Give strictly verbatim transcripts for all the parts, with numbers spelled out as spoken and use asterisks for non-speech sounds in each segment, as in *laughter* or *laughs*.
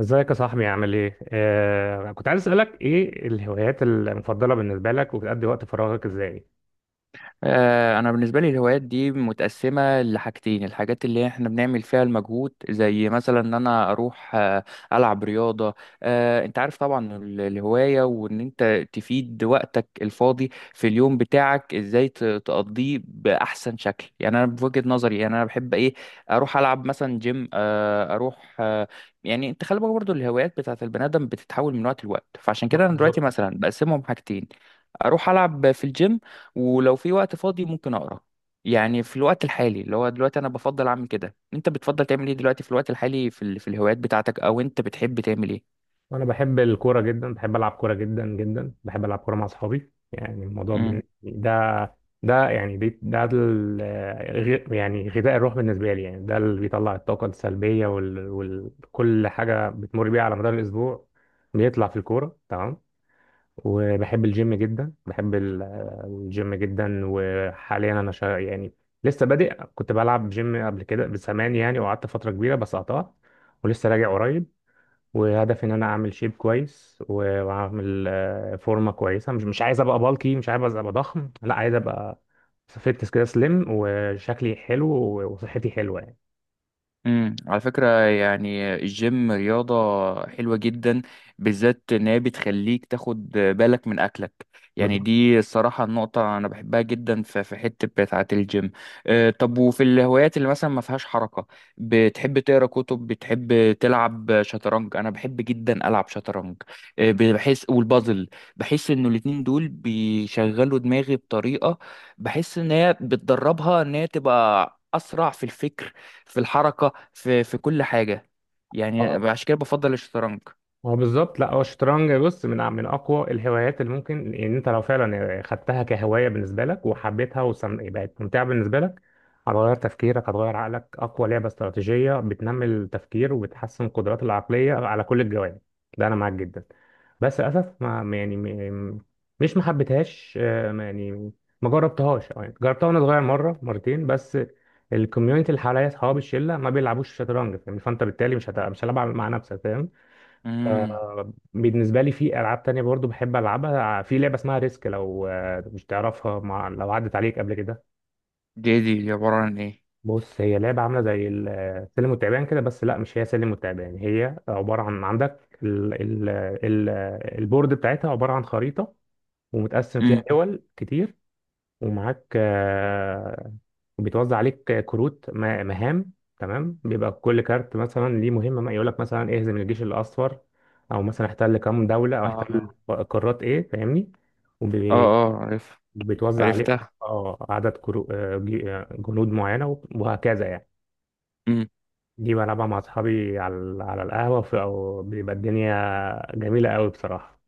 ازيك يا صاحبي؟ عامل ايه؟ آه كنت عايز اسألك ايه الهوايات المفضلة بالنسبة لك، وبتقضي وقت فراغك ازاي؟ آه، انا بالنسبه لي الهوايات دي متقسمه لحاجتين. الحاجات اللي احنا بنعمل فيها المجهود زي مثلا ان انا اروح آه، العب رياضه. آه، انت عارف طبعا ال- الهوايه وان انت تفيد وقتك الفاضي في اليوم بتاعك ازاي ت- تقضيه باحسن شكل. يعني انا بوجهه نظري، يعني انا بحب ايه، اروح العب مثلا جيم، آه، اروح آه، يعني انت خلي بالك برضه الهوايات بتاعت البني ادم بتتحول من وقت لوقت، فعشان لا، كده انا دلوقتي بالظبط. مثلا بقسمهم حاجتين: اروح العب في الجيم، ولو في وقت فاضي ممكن اقرا. يعني في الوقت الحالي اللي هو دلوقتي انا بفضل اعمل كده. انت بتفضل تعمل ايه دلوقتي في الوقت الحالي في ال... في الهوايات بتاعتك، او انت بتحب تعمل وانا بحب الكورة جدا، بحب العب كورة جدا جدا، بحب العب كورة مع اصحابي. يعني الموضوع ايه؟ بن- ده، ده يعني دي- ده ال- آه، غ- يعني غذاء الروح بالنسبة لي. يعني ده اللي بيطلع الطاقة السلبية وكل حاجة بتمر بيها على مدار الاسبوع، بيطلع في الكورة. تمام. وبحب الجيم جدا، بحب ال- الجيم جدا. وحاليا انا شا... يعني لسه بادئ. كنت بلعب جيم قبل كده بزمان يعني، وقعدت فترة كبيرة بس قطعت، ولسه راجع قريب. وهدفي ان انا اعمل شيب كويس، و- واعمل آه، فورمة كويسة. مش مش عايز ابقى بالكي، مش عايز ابقى ضخم، لا، عايز ابقى فيتنس كده، سليم وشكلي حلو وصحتي حلوة يعني. امم على فكرة يعني الجيم رياضة حلوة جدا، بالذات ان هي بتخليك تاخد بالك من اكلك. يعني بالظبط. دي الصراحة النقطة انا بحبها جدا في في حتة بتاعة الجيم. آه، طب، وفي الهوايات اللي مثلا ما فيهاش حركة؟ بتحب تقرا كتب؟ بتحب تلعب شطرنج؟ انا بحب جدا العب شطرنج، آه، بحس، والبازل. بحس انه الاتنين دول بيشغلوا دماغي بطريقة، بحس ان هي بتدربها، ان هي تبقى اسرع في الفكر، في الحركة، في في كل حاجة. يعني اه، عشان كده بفضل الشطرنج. هو بالظبط. لا، هو الشطرنج، بص، من من اقوى الهوايات اللي ممكن ان يعني انت لو فعلا خدتها كهوايه بالنسبه لك وحبيتها وبقت ممتعه بالنسبه لك، هتغير تفكيرك، هتغير عقلك. اقوى لعبه استراتيجيه بتنمي التفكير وبتحسن القدرات العقليه على كل الجوانب. ده انا معاك جدا. بس للاسف ما يعني م- مش ما حبيتهاش آه، ما- يعني ما جربتهاش، أو يعني جربتها وانا صغير مره مرتين بس. الكوميونتي اللي حواليا، اصحابي الشله، ما بيلعبوش شطرنج، فاهم؟ فانت بالتالي مش هت... مش هتلعب مع نفسك، فاهم. امم. آه، بالنسبة لي في ألعاب تانية برضو بحب ألعبها. في لعبة اسمها ريسك، لو آه، مش تعرفها، مع- لو عدت عليك قبل كده. دي دي عبارة عن ايه؟ بص، هي لعبة عاملة زي ال- السلم والتعبان كده، بس لا، مش هي سلم والتعبان. هي عبارة عن عندك ال ال ال البورد بتاعتها عبارة عن خريطة، ومتقسم فيها امم. دول كتير، ومعاك آه، بيتوزع عليك كروت م- مهام. تمام، بيبقى كل كارت مثلا ليه مهمة، يقول لك مثلا اهزم الجيش الأصفر، أو مثلا احتل كام دولة، أو اه احتل اه. قارات إيه، فاهمني. اه، عرف. وبيتوزع عليك عرفتها. اه عدد كرو... آه، جي- آه، جنود معينة، وب- وهكذا يعني. دي بلعبها مع أصحابي على ال- على القهوة، في أو بيبقى الدنيا جميلة قوي بصراحة.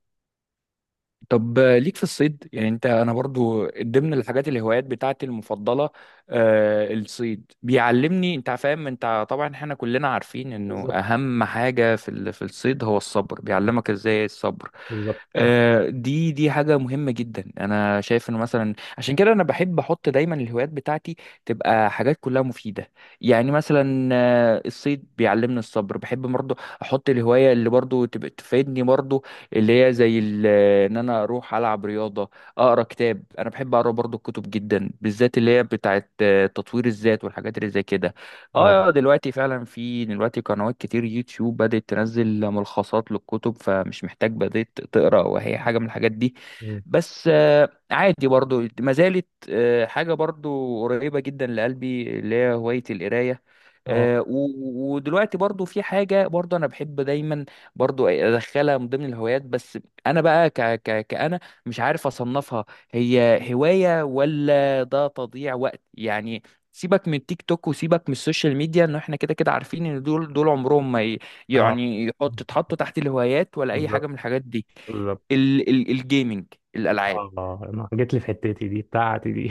طب آه، ليك في الصيد؟ يعني انت، انا برضو ضمن الحاجات الهوايات بتاعتي المفضله، آه، الصيد، بيعلمني، انت فاهم، انت طبعا احنا كلنا عارفين انه بالظبط. اهم حاجه في ال- في الصيد هو الصبر، بيعلمك ازاي الصبر. بالظبط. آه، دي دي حاجه مهمه جدا. انا شايف انه مثلا عشان كده انا بحب احط دايما الهوايات بتاعتي تبقى حاجات كلها مفيده. يعني مثلا آه، الصيد بيعلمني الصبر. بحب برضو احط الهوايه اللي برضو تبقى تفيدني برضو، اللي هي زي ال- ان انا اروح العب رياضه، اقرا كتاب. انا بحب اقرا برضو الكتب جدا، بالذات اللي هي بتاعه آه، تطوير الذات والحاجات اللي زي كده. اه، اه، آه، دلوقتي فعلا في دلوقتي قنوات كتير يوتيوب بدات تنزل ملخصات للكتب، فمش محتاج بدات تقرا وهي حاجه من الحاجات دي. بس آه، عادي برضو ما زالت آه، حاجه برضو قريبه جدا لقلبي اللي هي هوايه القرايه. اه. آه، و- و- ودلوقتي برضو في حاجة برضو أنا بحب دايما برضو ادخلها من ضمن الهوايات، بس انا بقى ك ك كأنا مش عارف اصنفها هي هواية ولا ده تضييع وقت يعني. سيبك من التيك توك وسيبك من السوشيال ميديا، ان احنا كده كده عارفين ان دول دول عمرهم ما ي- اه. يعني يحط تتحطوا تحت الهوايات ولا اي حاجة بالظبط. من الحاجات دي. بالظبط. ال ال الجيمنج، الالعاب. اه، ما جيت لي في حتتي دي بتاعتي دي.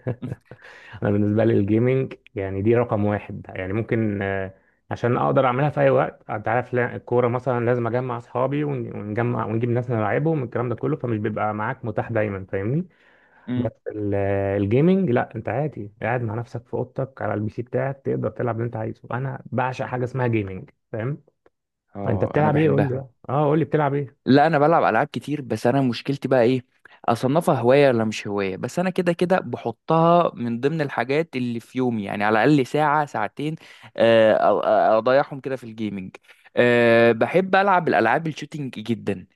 *laughs* *laughs* انا بالنسبه لي الجيمنج يعني دي رقم واحد يعني، ممكن آه، عشان اقدر اعملها في اي وقت. انت عارف، لا- الكوره مثلا لازم اجمع اصحابي ون- ونجمع ونجيب ناس نلعبهم، الكلام ده كله، فمش بيبقى معاك متاح دايما، فاهمني. بس مم. ال- آه، الجيمنج لا، انت عادي قاعد مع نفسك في اوضتك على البي سي بتاعك، تقدر تلعب اللي انت عايزه. انا بعشق حاجه اسمها جيمنج، فاهم. فانت اه، انا بتلعب ايه؟ قول بحبها. لي بقى. اه، قول لي بتلعب ايه. لا، انا بلعب العاب كتير، بس انا مشكلتي بقى ايه، اصنفها هوايه ولا مش هوايه؟ بس انا كده كده بحطها من ضمن الحاجات اللي في يومي، يعني على الاقل ساعه ساعتين آه، أ- أ- اضيعهم كده في الجيمنج. أه، بحب العب الالعاب الشوتينج جدا،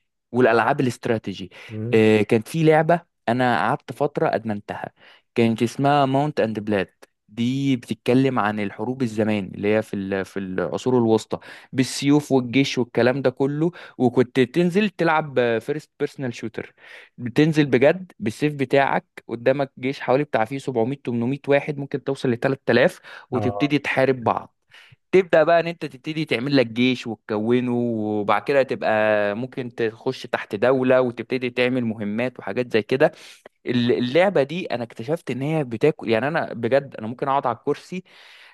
اه. والالعاب الاستراتيجي. مم. أه، كانت في لعبه انا قعدت فتره ادمنتها، كانت اسمها ماونت اند بلاد. دي بتتكلم عن الحروب الزمان اللي هي في ال- في العصور الوسطى، بالسيوف والجيش والكلام ده كله. وكنت تنزل تلعب فيرست بيرسونال شوتر، بتنزل بجد بالسيف بتاعك، قدامك جيش حوالي بتاع فيه سبعمية تمنمية واحد، ممكن توصل ل تلات آلاف، اه، وتبتدي تحارب بعض. تبدأ بقى ان انت تبتدي تعمل لك جيش وتكونه، وبعد كده تبقى ممكن تخش تحت دولة وتبتدي تعمل مهمات وحاجات زي كده. الل- اللعبه دي انا اكتشفت ان هي بتاكل، يعني انا بجد انا ممكن اقعد على الكرسي.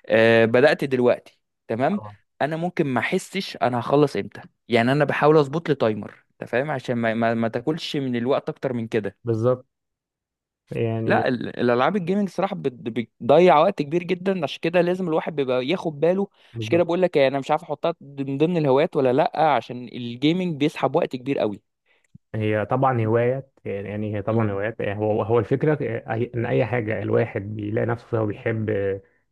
آه، بدات دلوقتي. تمام. اه. انا ممكن ما احسش انا هخلص امتى. يعني انا بحاول اظبط لي تايمر، انت فاهم، عشان ما, ما, ما تاكلش من الوقت اكتر من كده. بالظبط. يعني لا، ال- الالعاب الجيمنج صراحه بت- بتضيع وقت كبير جدا، عشان كده لازم الواحد بيبقى ياخد باله. عشان كده بقول لك إيه، انا مش عارف احطها من ضمن الهوايات ولا لا، عشان الجيمنج بيسحب وقت كبير قوي. هي طبعا هوايات، يعني هي مم. طبعا هوايات. يعني هو، هو الفكرة، أي- إن أي حاجة الواحد بيلاقي نفسه فيها وبيحب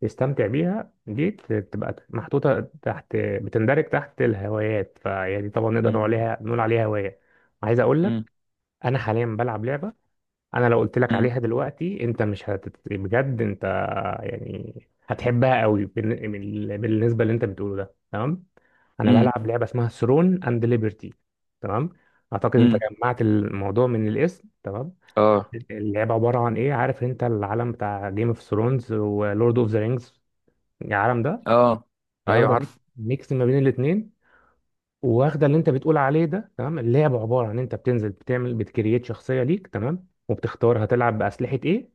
يستمتع بيها، دي بتبقى محطوطة تحت، بتندرج تحت الهوايات، فهي دي طبعا نقدر نقول مم. عليها، نقول عليها هواية. عايز أقول لك، مم. أنا حاليا بلعب لعبة، أنا لو قلت لك مم. عليها دلوقتي أنت مش هتت... بجد أنت يعني هتحبها قوي. بالن- من ال- بالنسبه اللي انت بتقوله ده، تمام. انا مم. بلعب لعبه اسمها ثرون اند ليبرتي. تمام. اعتقد انت مم. جمعت الموضوع من الاسم. تمام. اه، اللعبه عباره عن ايه؟ عارف انت العالم بتاع جيم اوف ثرونز ولورد اوف ذا رينجز، العالم ده؟ اه. هي ايوه واخده ميك- عارف. ميكس ما بين الاثنين. واخده اللي انت بتقول عليه ده، تمام. اللعبه عباره عن انت بتنزل بتعمل بتكريت شخصيه ليك، تمام، وبتختار هتلعب باسلحه ايه،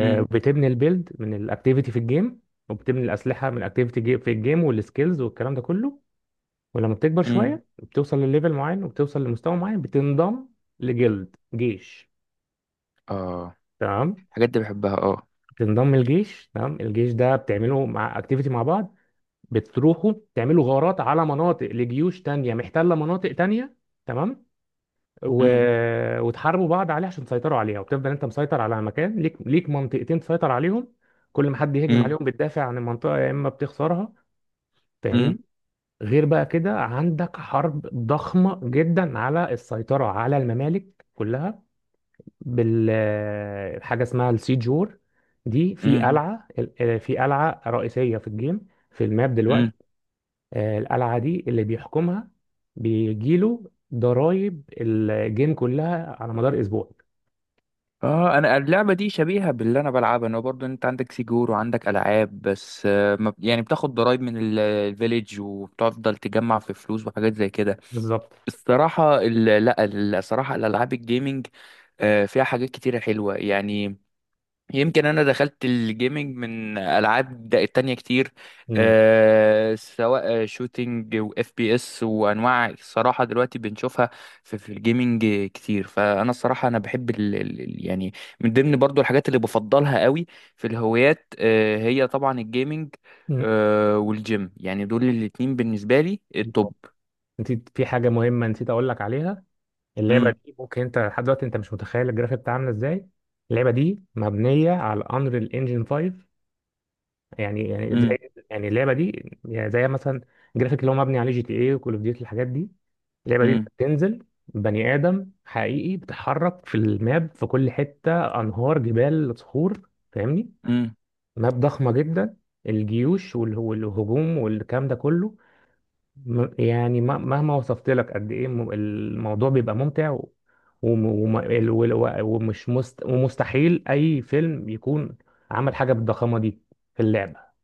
امم. البيلد من الاكتيفيتي في الجيم، وبتبني الاسلحه من الاكتيفيتي في الجيم، والسكيلز والكلام ده كله. ولما بتكبر امم. شويه بتوصل لليفل معين وبتوصل لمستوى معين، بتنضم لجلد جيش، اه، تمام. الحاجات دي بحبها، اه. بتنضم الجيش، تمام. الجيش ده بتعمله مع اكتيفيتي مع بعض، بتروحوا تعملوا غارات على مناطق لجيوش تانية محتلة مناطق تانية، تمام، و... امم. وتحاربوا بعض عليه عشان تسيطروا عليها. وبتفضل انت مسيطر على مكان ليك، ليك منطقتين تسيطر عليهم، كل ما حد يهجم امم. عليهم بتدافع عن المنطقة، يا اما بتخسرها، امم. فاهمني. غير بقى كده عندك حرب ضخمة جدا على السيطرة على الممالك كلها، بال حاجة اسمها السيج وور. دي في امم. قلعة ال- آه، في قلعة رئيسية في الجيم في الماب دلوقتي. امم. آه، القلعة دي اللي بيحكمها، بيجيله ضرايب الجيم كلها على مدار اسبوع. اه، انا اللعبه دي شبيهه باللي انا بلعبها. انا برضو انت عندك سيجور وعندك العاب، بس آه، ما- يعني بتاخد ضرايب من ال- الفيليج، وبتفضل تجمع في فلوس وحاجات زي كده. بالظبط. الصراحه ال- لا، الصراحه الالعاب الجيمنج آه، فيها حاجات كتيره حلوه يعني. يمكن انا دخلت الجيمنج من العاب د- تانية كتير. مم. أه، سواء شوتينج واف بي اس وانواع، الصراحه دلوقتي بنشوفها في, في الجيمنج كتير. فانا الصراحه انا بحب ال ال ال- يعني من ضمن برضو الحاجات اللي بفضلها قوي في الهوايات، أه، هي طبعا الجيمنج، مم. أه، والجيم. يعني دول الاتنين بالنسبه لي التوب. نسيت في حاجه مهمه نسيت اقول لك عليها. اللعبه امم. دي ممكن انت لحد دلوقتي انت مش متخيل الجرافيك بتاعها عامله ازاي. اللعبه دي مبنيه على انريل انجن خمسة. يعني، يعني زي، يعني اللعبه دي يعني زي مثلا الجرافيك اللي هو مبني عليه جي تي اي وكول اوف ديوتي، الحاجات دي. اللعبه دي انت امم. بتنزل بني ادم حقيقي بتتحرك في الماب في كل حته، انهار، جبال، صخور، فاهمني. امم. ماب ضخمه جدا، الجيوش والهجوم والكلام ده كله. م- يعني م- مهما وصفت لك قد ايه، م- الموضوع بيبقى ممتع، و- وم- وم- ال- وال- و- ومش مست ومستحيل اي فيلم يكون عمل حاجه بالضخامه دي في اللعبه.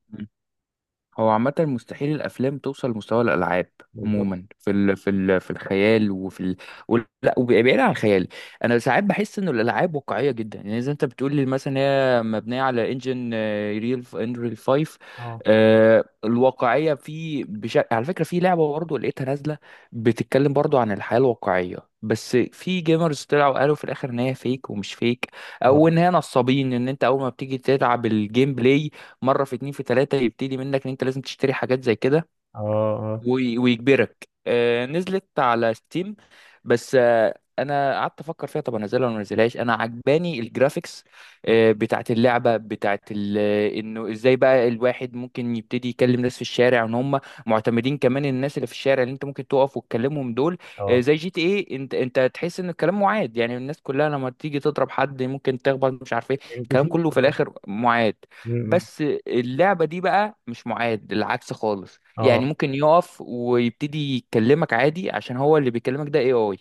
هو عامة مستحيل الأفلام توصل لمستوى الألعاب، بالظبط. عموما في ال في ال في الخيال، وفي ال، وال- لا، وبعيد عن الخيال. أنا ساعات بحس إنه الألعاب واقعية جدا، يعني إذا أنت بتقول لي مثلا هي مبنية على إنجن ريل إنريل خمسة. اه. آه، الواقعية في بشكل، على فكرة، في لعبة برضه لقيتها نازلة بتتكلم برضه عن الحياة الواقعية، بس في جيمرز طلعوا قالوا في الآخر إن هي فيك ومش فيك، أو اه. إن هي نصابين، إن أنت أول ما بتيجي تلعب الجيم بلاي مره، في اتنين، في تلاته يبتدي منك ان انت لازم تشتري حاجات زي كده. اه. اه. وي- ويجبرك. آه، نزلت على ستيم، بس آه، انا قعدت افكر فيها، طب انزلها ولا ما انزلهاش؟ انا عجباني الجرافيكس آه، بتاعت اللعبه بتاعت ال- انه ازاي بقى الواحد ممكن يبتدي يكلم ناس في الشارع، ان هم معتمدين كمان، الناس اللي في الشارع اللي انت ممكن تقف وتكلمهم دول. آه، اه. زي جي تي ايه، انت انت تحس ان الكلام معاد، يعني الناس كلها لما تيجي تضرب حد ممكن تخبط، مش عارف ايه، ام بي الكلام سي كله في كلهم. الاخر معاد. م- م. بس آه، اللعبه دي بقى مش معاد، العكس خالص. يعني اه. ممكن يقف ويبتدي يكلمك عادي عشان هو اللي بيكلمك ده اي اي.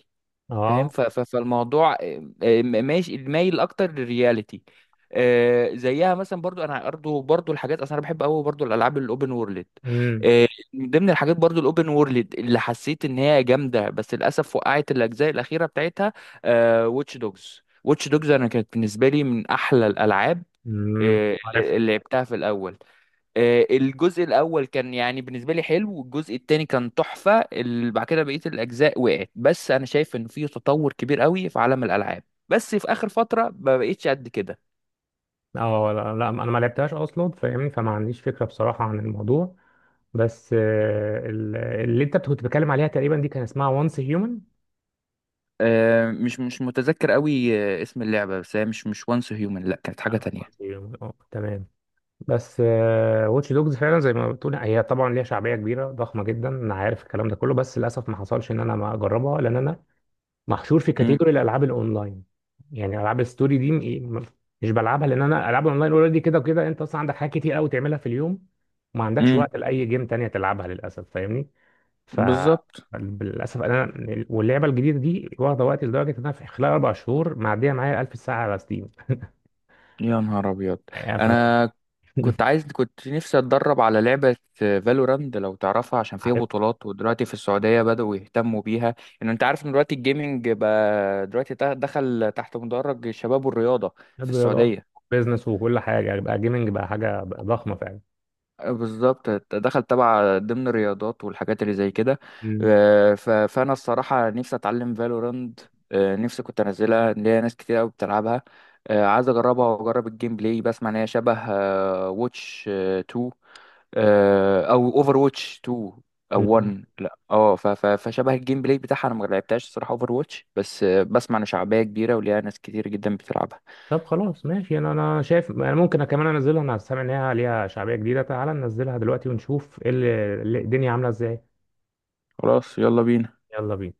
فاهم؟ اه. ف- ف- فالموضوع آه، آه، ماشي مايل اكتر للرياليتي. آه، زيها مثلا، برضو انا برضو برضو الحاجات، اصلا انا بحب قوي برضو الالعاب الاوبن وورلد. امم. آه، من ضمن الحاجات برضو الاوبن وورلد اللي حسيت ان هي جامده، بس للاسف وقعت الاجزاء الاخيره بتاعتها، واتش دوجز واتش دوجز. انا كانت بالنسبه لي من احلى الالعاب، امم، آه، عارف. اللي اللي لعبتها في الاول. آه، الجزء الاول كان يعني بالنسبه لي حلو، والجزء التاني كان تحفه، ال- بعد كده بقيه الاجزاء وقعت. بس انا شايف ان في تطور كبير قوي في عالم الالعاب، بس في اخر فتره ما بقتش قد كده. اه، لا، لا، انا ما لعبتهاش اصلا، فاهمني، فما عنديش فكره بصراحه عن الموضوع. بس آه، ال- اللي انت كنت بتتكلم عليها تقريبا دي كان اسمها وانس هيومن. آه، مش مش متذكر قوي آه، اسم اللعبه، بس هي مش مش وانس هيومن، لا كانت حاجه تانية. عظيم. آه، تمام. بس واتش دوجز فعلا زي ما بتقول، هي طبعا ليها شعبيه كبيره ضخمه جدا، انا عارف الكلام ده كله، بس للاسف ما حصلش ان انا ما اجربها، لان انا محشور في امم. كاتيجوري الالعاب الاونلاين. يعني العاب الستوري دي م- مش بلعبها، لان انا العاب الاونلاين اوريدي كده وكده انت اصلا عندك حاجات كتير قوي تعملها في اليوم، وما عندكش مم. امم. وقت لاي جيم تانية تلعبها، للاسف، فاهمني. ف بالظبط. مم. للاسف انا، واللعبه الجديده دي واخده وقت، لدرجه ان انا في خلال اربع شهور معديه معايا ألف ساعه على ستيم. يا نهار ابيض. عارف. انا كنت عايز، كنت نفسي اتدرب على لعبة فالوراند لو تعرفها، عشان فيها *laughs* بطولات، ودلوقتي في السعودية بدأوا يهتموا بيها. ان انت عارف ان دلوقتي الجيمنج بقى دلوقتي تا- دخل تحت مدرج الشباب والرياضة في نادي رياضة، السعودية. بيزنس، وكل حاجة يعني، بقى جيمنج بقى حاجة، بقى ضخمة فعلا. بالظبط، دخل تبع ضمن الرياضات والحاجات اللي زي كده. مم. آه، ف- فانا الصراحة نفسي اتعلم فالوراند. نفسي كنت انزلها، إن ليا ناس كتير قوي بتلعبها. آه، عايز اجربها واجرب الجيم بلاي. بسمع ان هي شبه واتش اتنين، آه، او اوفر واتش اتنين، او مم. واحد، لا. اه، ف- ف- فشبه الجيم بلاي بتاعها. انا ما لعبتهاش الصراحه اوفر واتش، بس آه، بسمع ان شعبيه كبيره وليها ناس كتير جدا بتلعبها. طب خلاص، ماشي. انا، انا شايف انا ممكن كمان انزلها، انا سامع ان هي ليها شعبية جديدة. تعالى ننزلها دلوقتي ونشوف ايه اللي اللي- الدنيا عاملة ازاي. خلاص، يلا بينا. يلا بينا.